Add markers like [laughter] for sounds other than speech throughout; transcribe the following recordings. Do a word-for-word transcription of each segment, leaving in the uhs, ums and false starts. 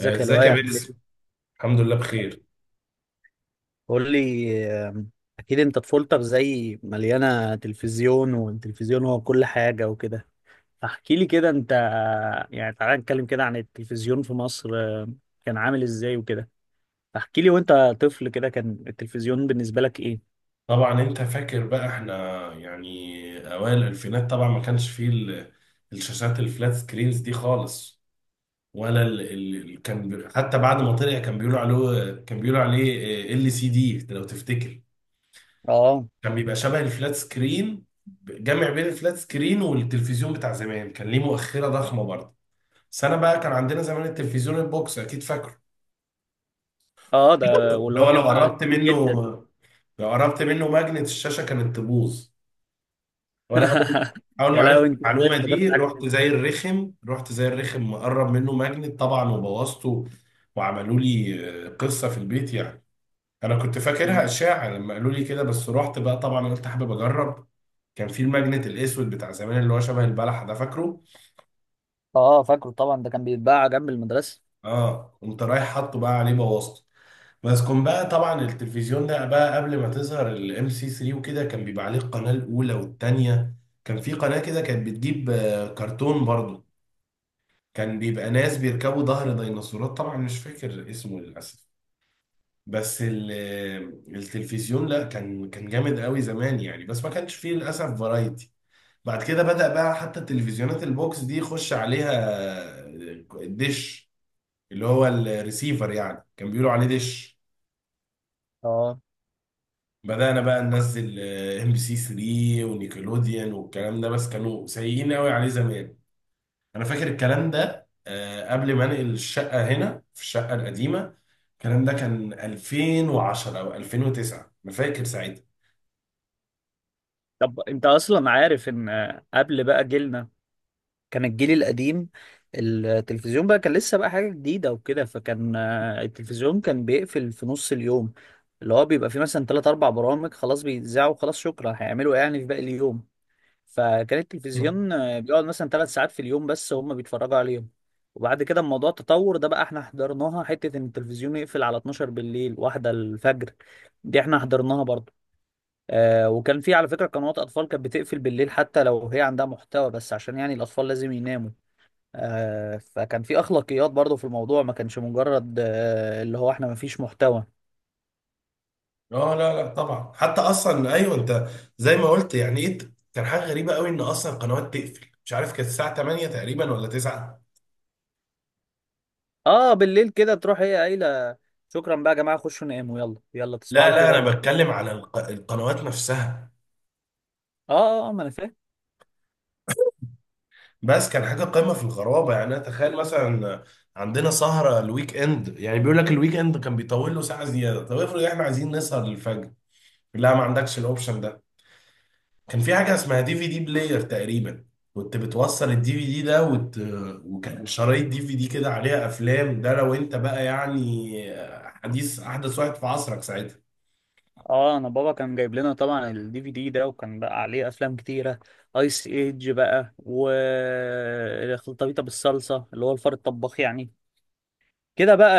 آه، يا ازيك يا لؤي عامل باسم. ايه؟ الحمد لله بخير. قول لي آم، اكيد انت طفولتك زي مليانه تلفزيون، والتلفزيون هو كل حاجه وكده. فاحكي لي كده انت، يعني تعالى نتكلم كده عن التلفزيون في مصر. آم، كان عامل ازاي وكده. فاحكي لي وانت طفل كده، كان التلفزيون بالنسبه لك ايه؟ طبعا انت فاكر بقى احنا يعني اوائل الالفينات، طبعا ما كانش فيه ال- الشاشات الفلات سكرينز دي خالص، ولا ال ال كان بي- حتى بعد ما طلع كان بيقولوا عليه كان بيقولوا عليه ال سي دي لو تفتكر. اه. كان بيبقى شبه الفلات سكرين، جمع بين الفلات سكرين والتلفزيون بتاع زمان، كان ليه مؤخرة ضخمة برضه. بس انا بقى كان عندنا زمان التلفزيون البوكس، اكيد فاكره. اه ده، واللي اللي هو هو لو بيبقى قربت تقيل منه، جدا. لو قربت منه ماجنت الشاشة كانت تبوظ. وانا اول [laughs] اول ما يا عرفت لهوي انت ازاي المعلومه افتكرت دي حاجه رحت زي زي الرخم، رحت زي الرخم مقرب منه ماجنت طبعا وبوظته. وعملوا لي آه، قصه في البيت يعني. انا كنت دي؟ فاكرها اشاعه لما قالوا لي كده، بس رحت بقى طبعا، قلت حابب اجرب. كان في الماجنت الاسود بتاع زمان، اللي هو شبه البلح ده، فاكره. اه فاكره طبعا، ده كان بيتباع جنب المدرسه. اه، قمت رايح حاطه بقى عليه بوظته. بس كان بقى طبعا التلفزيون ده بقى قبل ما تظهر الام سي تلاتة وكده، كان بيبقى عليه القناه الاولى والثانيه. كان في قناه كده كانت بتجيب آه، كرتون برضه، كان بيبقى ناس بيركبوا ظهر ديناصورات، طبعا مش فاكر اسمه للاسف. بس ال- التلفزيون لا، كان كان جامد قوي زمان يعني، بس ما كانش فيه للاسف فرايتي. بعد كده بدأ بقى حتى التلفزيونات البوكس دي يخش عليها ديش، اللي هو الريسيفر يعني، كان بيقولوا عليه ديش. اه. بدأنا بقى ننزل ام بي سي تلاتة ونيكلوديان والكلام ده، بس كانوا سيئين قوي عليه زمان. انا فاكر الكلام ده آه، قبل ما انقل الشقه، هنا في الشقه القديمه. الكلام ده كان ألفين وعشرة او ألفين وتسعة، انا فاكر ساعتها. طب انت اصلا عارف ان آه، قبل بقى جيلنا، كان الجيل القديم التلفزيون بقى كان لسه بقى حاجة جديدة وكده، فكان آه، التلفزيون كان بيقفل في نص اليوم. اللي هو بيبقى فيه مثلا تلات أربع برامج، خلاص بيتذاعوا، خلاص شكرا، هيعملوا إيه يعني في باقي اليوم؟ فكان التلفزيون آه، بيقعد مثلا تلات ساعات في اليوم بس هما بيتفرجوا عليهم. وبعد كده الموضوع تطور، ده بقى احنا حضرناها حتة ان التلفزيون يقفل على اتناشر بالليل، واحدة الفجر دي احنا حضرناها برضه. آه وكان في على فكرة قنوات أطفال كانت بتقفل بالليل حتى لو هي عندها محتوى، بس عشان يعني الأطفال لازم يناموا. آه، فكان في اخلاقيات برضو في الموضوع، ما كانش مجرد آه، اللي هو احنا ما فيش محتوى. اه لا لا طبعا، حتى اصلا ايوه انت زي ما قلت يعني ايه، كان حاجه غريبه قوي ان اصلا القنوات تقفل، مش عارف كانت الساعه تمانية تقريبا ولا تسعة. اه بالليل كده تروح هي قايله شكرا بقى يا جماعه، خشوا ناموا، يلا يلا تصبحوا لا على لا، خير يا انا جماعه. بتكلم على الق- القنوات نفسها. اه اه آه، ما انا فاهم. بس كان حاجه قمه في الغرابه يعني. انا تخيل مثلا عندنا سهره الويك اند، يعني بيقول لك الويك اند كان بيطول له ساعه زياده، طب افرض احنا عايزين نسهر، لا ما عندكش الاوبشن ده. كان في حاجه اسمها دي في دي بلاير تقريبا، كنت بتوصل الدي في دي ده وت... وكان شرايط دي في دي كده عليها افلام، ده لو انت بقى يعني حديث، احدث واحد في عصرك ساعتها. اه انا بابا كان جايب لنا طبعا الدي في دي ده، وكان بقى عليه افلام كتيره. ايس ايج بقى، و الخلطبيطه بالصلصه اللي هو الفار الطباخ يعني، كده بقى.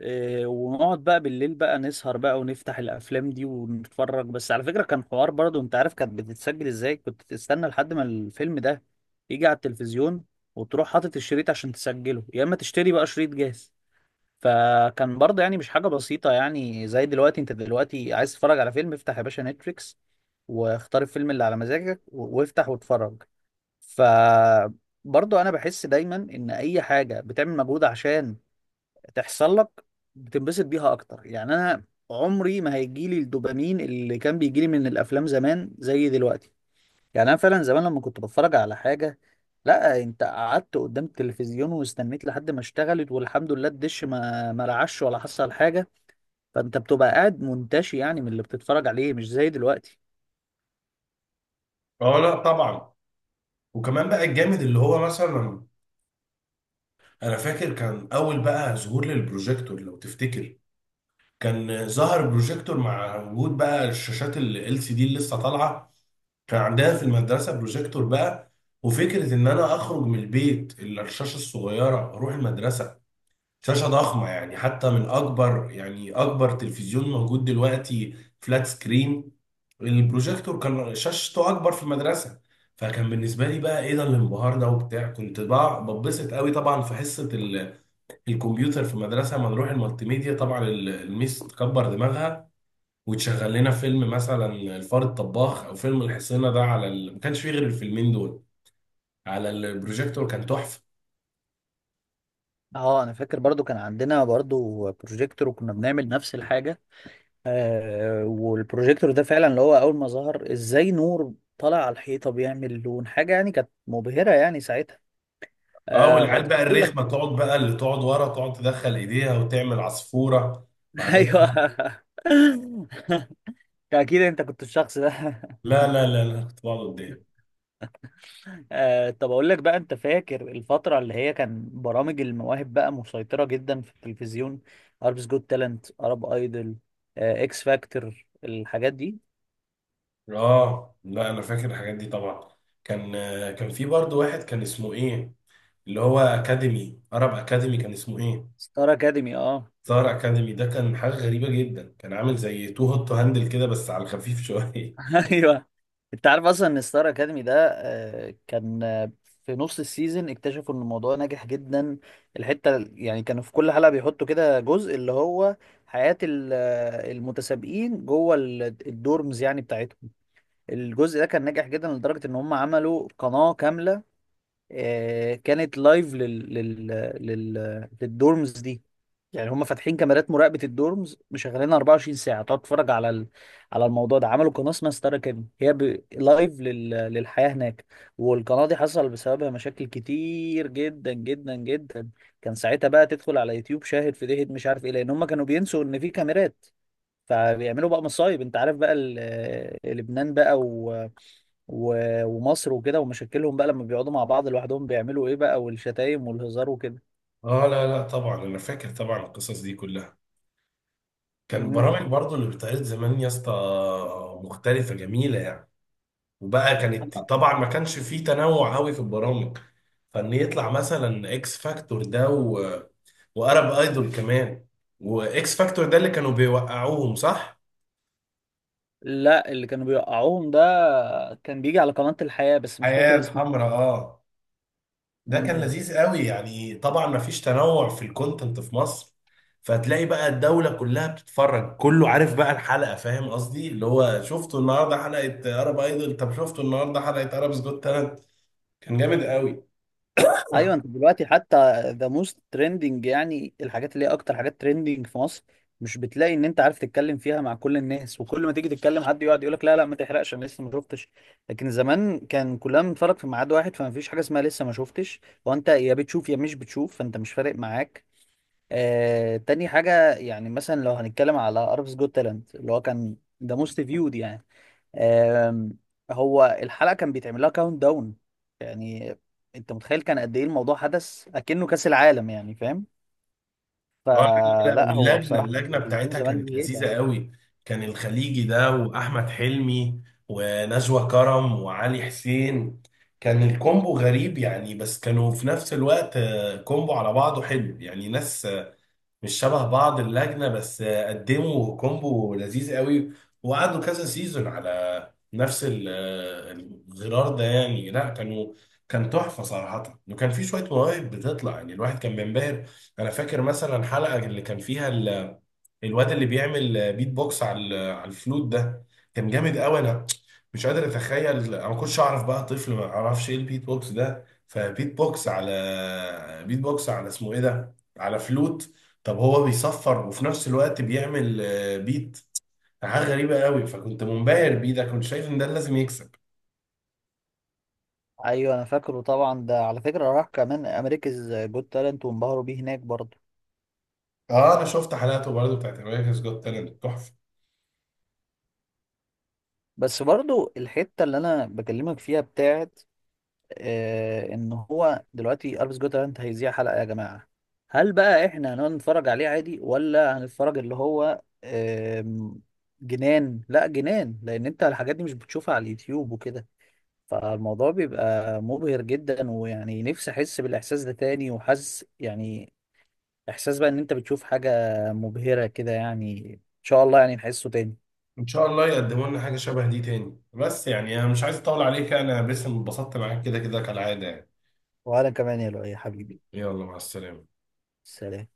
إيه، ونقعد بقى بالليل بقى نسهر بقى ونفتح الافلام دي ونتفرج. بس على فكرة كان حوار برضو، انت عارف كانت بتتسجل ازاي؟ كنت تستنى لحد ما الفيلم ده يجي على التلفزيون، وتروح حاطط الشريط عشان تسجله، يا اما تشتري بقى شريط جاهز. فكان برضه يعني مش حاجة بسيطة يعني زي دلوقتي، انت دلوقتي عايز تتفرج على فيلم افتح يا باشا نتفليكس واختار الفيلم اللي على مزاجك و- وافتح واتفرج. ف برضه انا بحس دايما ان اي حاجة بتعمل مجهود عشان تحصل لك بتنبسط بيها اكتر. يعني انا عمري ما هيجيلي الدوبامين اللي كان بيجيلي من الافلام زمان زي دلوقتي. يعني انا فعلا زمان لما كنت بتفرج على حاجه، لا انت قعدت قدام التلفزيون واستنيت لحد ما اشتغلت، والحمد لله الدش ما ما رعش ولا حصل حاجه. فانت بتبقى قاعد منتشي يعني من اللي بتتفرج عليه، مش زي دلوقتي. اه لا طبعا. وكمان بقى الجامد اللي هو مثلا، انا فاكر كان اول بقى ظهور للبروجيكتور لو تفتكر. كان ظهر بروجيكتور مع وجود بقى الشاشات ال L C D اللي لسه طالعه. كان عندنا في المدرسة بروجيكتور بقى، وفكرة إن أنا أخرج من البيت إلا الشاشة الصغيرة أروح المدرسة شاشة ضخمة، يعني حتى من أكبر، يعني أكبر تلفزيون موجود دلوقتي فلات سكرين، البروجيكتور كان شاشته أكبر في المدرسة. فكان بالنسبة لي بقى إيه ده الانبهار ده وبتاع، كنت بقى بتبسط قوي طبعا في حصة ال- الكمبيوتر في المدرسة، لما نروح المالتي ميديا طبعا ال- الميس تكبر دماغها وتشغل لنا فيلم مثلا الفار الطباخ او فيلم الحصينه ده على ال... ما كانش فيه غير الفيلمين دول على البروجيكتور، كان تحفه. اه انا فاكر برضو كان عندنا برضو بروجيكتور وكنا بنعمل نفس الحاجه. آه والبروجيكتور ده فعلا اللي هو اول ما ظهر، ازاي نور طالع على الحيطه بيعمل لون حاجه؟ يعني كانت مبهره يعني ساعتها. اه آه والعيال بقى تقول لك. الرخمه تقعد بقى، اللي تقعد ورا تقعد تدخل ايديها وتعمل عصفوره [laughs] وحاجات. ايوه. اكيد انت كنت الشخص ده. [laughs] لا لا لا لا، كنت بقعد قدام. آه طب اقول لك بقى، انت فاكر الفتره اللي هي كان برامج المواهب بقى مسيطره جدا في التلفزيون؟ اربس جوت تالنت، ارب ايدل، آه اكس فاكتور، الحاجات دي. اه لا انا فاكر الحاجات دي طبعا. كان آه، كان في برضه واحد كان اسمه ايه، اللي هو اكاديمي، عرب اكاديمي، كان اسمه ايه، ستار اكاديمي اه. ستار اكاديمي. ده كان حاجه غريبه جدا، كان عامل زي تو هوت تو هاندل كده بس على الخفيف [laughs] شويه. [laughs] ايوه. انت عارف اصلا ان ستار اكاديمي ده آه، كان آه، في نص السيزون اكتشفوا ان الموضوع ناجح جدا؟ الحته ال- يعني كانوا في كل حلقه بيحطوا كده جزء اللي هو حياه ال- آه، المتسابقين جوه ال- الدورمز يعني بتاعتهم. الجزء ده كان ناجح جدا، لدرجه ان هم عملوا قناه كامله آه، كانت لايف لل لل لل للدورمز دي. يعني هم فاتحين كاميرات مراقبة الدورمز مشغلينها اربعه وعشرين ساعة، تقعد تتفرج على ال... على الموضوع ده. عملوا قناة اسمها ستار اكاديمي، هي ب... لايف لل... للحياة هناك. والقناة دي حصل بسببها مشاكل كتير جدا جدا جدا. كان ساعتها بقى تدخل على يوتيوب شاهد في دهيت مش عارف ايه، لان هم كانوا بينسوا ان في كاميرات، فبيعملوا بقى مصايب. انت عارف بقى ال- لبنان بقى و... و... ومصر وكده ومشاكلهم بقى لما بيقعدوا مع بعض لوحدهم بيعملوا ايه بقى، والشتايم والهزار وكده. اه لا لا طبعا، انا فاكر طبعا القصص دي كلها. كان مهم. برامج برضو اللي بتعرض زمان يا اسطى مختلفة جميلة يعني. وبقى كانت طبعا ما كانش فيه تنوع قوي في البرامج، فان يطلع مثلا اكس فاكتور ده و... وارب ايدول كمان. واكس فاكتور ده اللي كانوا بيوقعوهم صح؟ لا اللي كانوا بيوقعوهم ده كان بيجي على قناة الحياة، بس مش حياة فاكر اسمه. الحمراء، اه. ده كان مم. لذيذ قوي يعني، طبعا ما فيش تنوع في الكونتنت في مصر، فتلاقي بقى الدولة كلها بتتفرج، كله عارف بقى الحلقة، فاهم قصدي؟ اللي هو شفتوا النهاردة حلقة عرب ايدل، طب شفتوا النهاردة حلقة عرب's جوت تالنت، كان جامد قوي. ايوه انت دلوقتي حتى ذا موست ترندنج، يعني الحاجات اللي هي اكتر حاجات ترندنج في مصر، مش بتلاقي ان انت عارف تتكلم فيها مع كل الناس، وكل ما تيجي تتكلم حد يقعد يقولك لا لا ما تحرقش انا لسه ما شفتش. لكن زمان كان كلنا بنتفرج في ميعاد واحد، فما فيش حاجة اسمها لسه ما شفتش، وانت يا بتشوف يا مش بتشوف، فانت مش فارق معاك. آه، تاني حاجة يعني مثلا لو هنتكلم على أرفس جوت تالنت، اللي هو كان ده موست فيود يعني. آم، هو الحلقة كان بيتعمل لها كاونت داون. يعني انت متخيل كان قد ايه الموضوع؟ حدث اكنه كأس العالم يعني، فاهم؟ اه لا لا لا، فلا هو واللجنة، بصراحة اللجنة التلفزيون بتاعتها زمان كانت دي هيبة. لذيذة قوي. كان الخليجي ده وأحمد حلمي ونجوى كرم وعلي حسين، كان الكومبو غريب يعني، بس كانوا في نفس الوقت آه، كومبو على بعضه حلو، يعني ناس مش شبه بعض اللجنة، بس قدموا كومبو لذيذ قوي، وقعدوا كذا سيزون على نفس ال- الغرار ده يعني، لا كانوا، كان تحفة صراحة. وكان في شوية مواهب بتطلع يعني، الواحد كان بينبهر. أنا فاكر مثلا حلقة اللي كان فيها الواد اللي بيعمل بيت بوكس على ال- على الفلوت ده، كان جامد قوي. انا مش قادر اتخيل، انا ما كنتش اعرف بقى طفل، ما اعرفش ايه البيت بوكس ده، فبيت بوكس على، بيت بوكس على اسمه ايه ده، على فلوت، طب هو بيصفر وفي نفس الوقت بيعمل آه، بيت، حاجه غريبه قوي، فكنت منبهر بيه ده، كنت شايف ان ده لازم يكسب. ايوه انا فاكره طبعا، ده على فكرة راح كمان امريكاز جوت تالنت وانبهروا بيه هناك برضه. اه انا شفت حلقاته برضه بتاعت امريكا's جوت تالنت، تحفه. بس برضه الحتة اللي انا بكلمك فيها بتاعت آه، ان هو دلوقتي الفيس جوتالاند هيذيع حلقه يا جماعه، هل بقى احنا هنقعد نتفرج عليه عادي، ولا هنتفرج اللي هو آم، جنان؟ لا جنان، لان انت الحاجات دي مش بتشوفها على اليوتيوب وكده، فالموضوع بيبقى مبهر جدا. ويعني نفسي احس بالاحساس ده تاني، وحاسس يعني احساس بقى ان انت بتشوف حاجه مبهره كده يعني، ان شاء الله يعني نحسه تاني. ان شاء الله يقدموا لنا حاجه شبه دي تاني. بس يعني انا مش عايز اطول عليك، انا بس انبسطت معاك كده كده كالعاده يعني. وانا كمان يا لؤي يا حبيبي. يلا مع السلامة. سلام.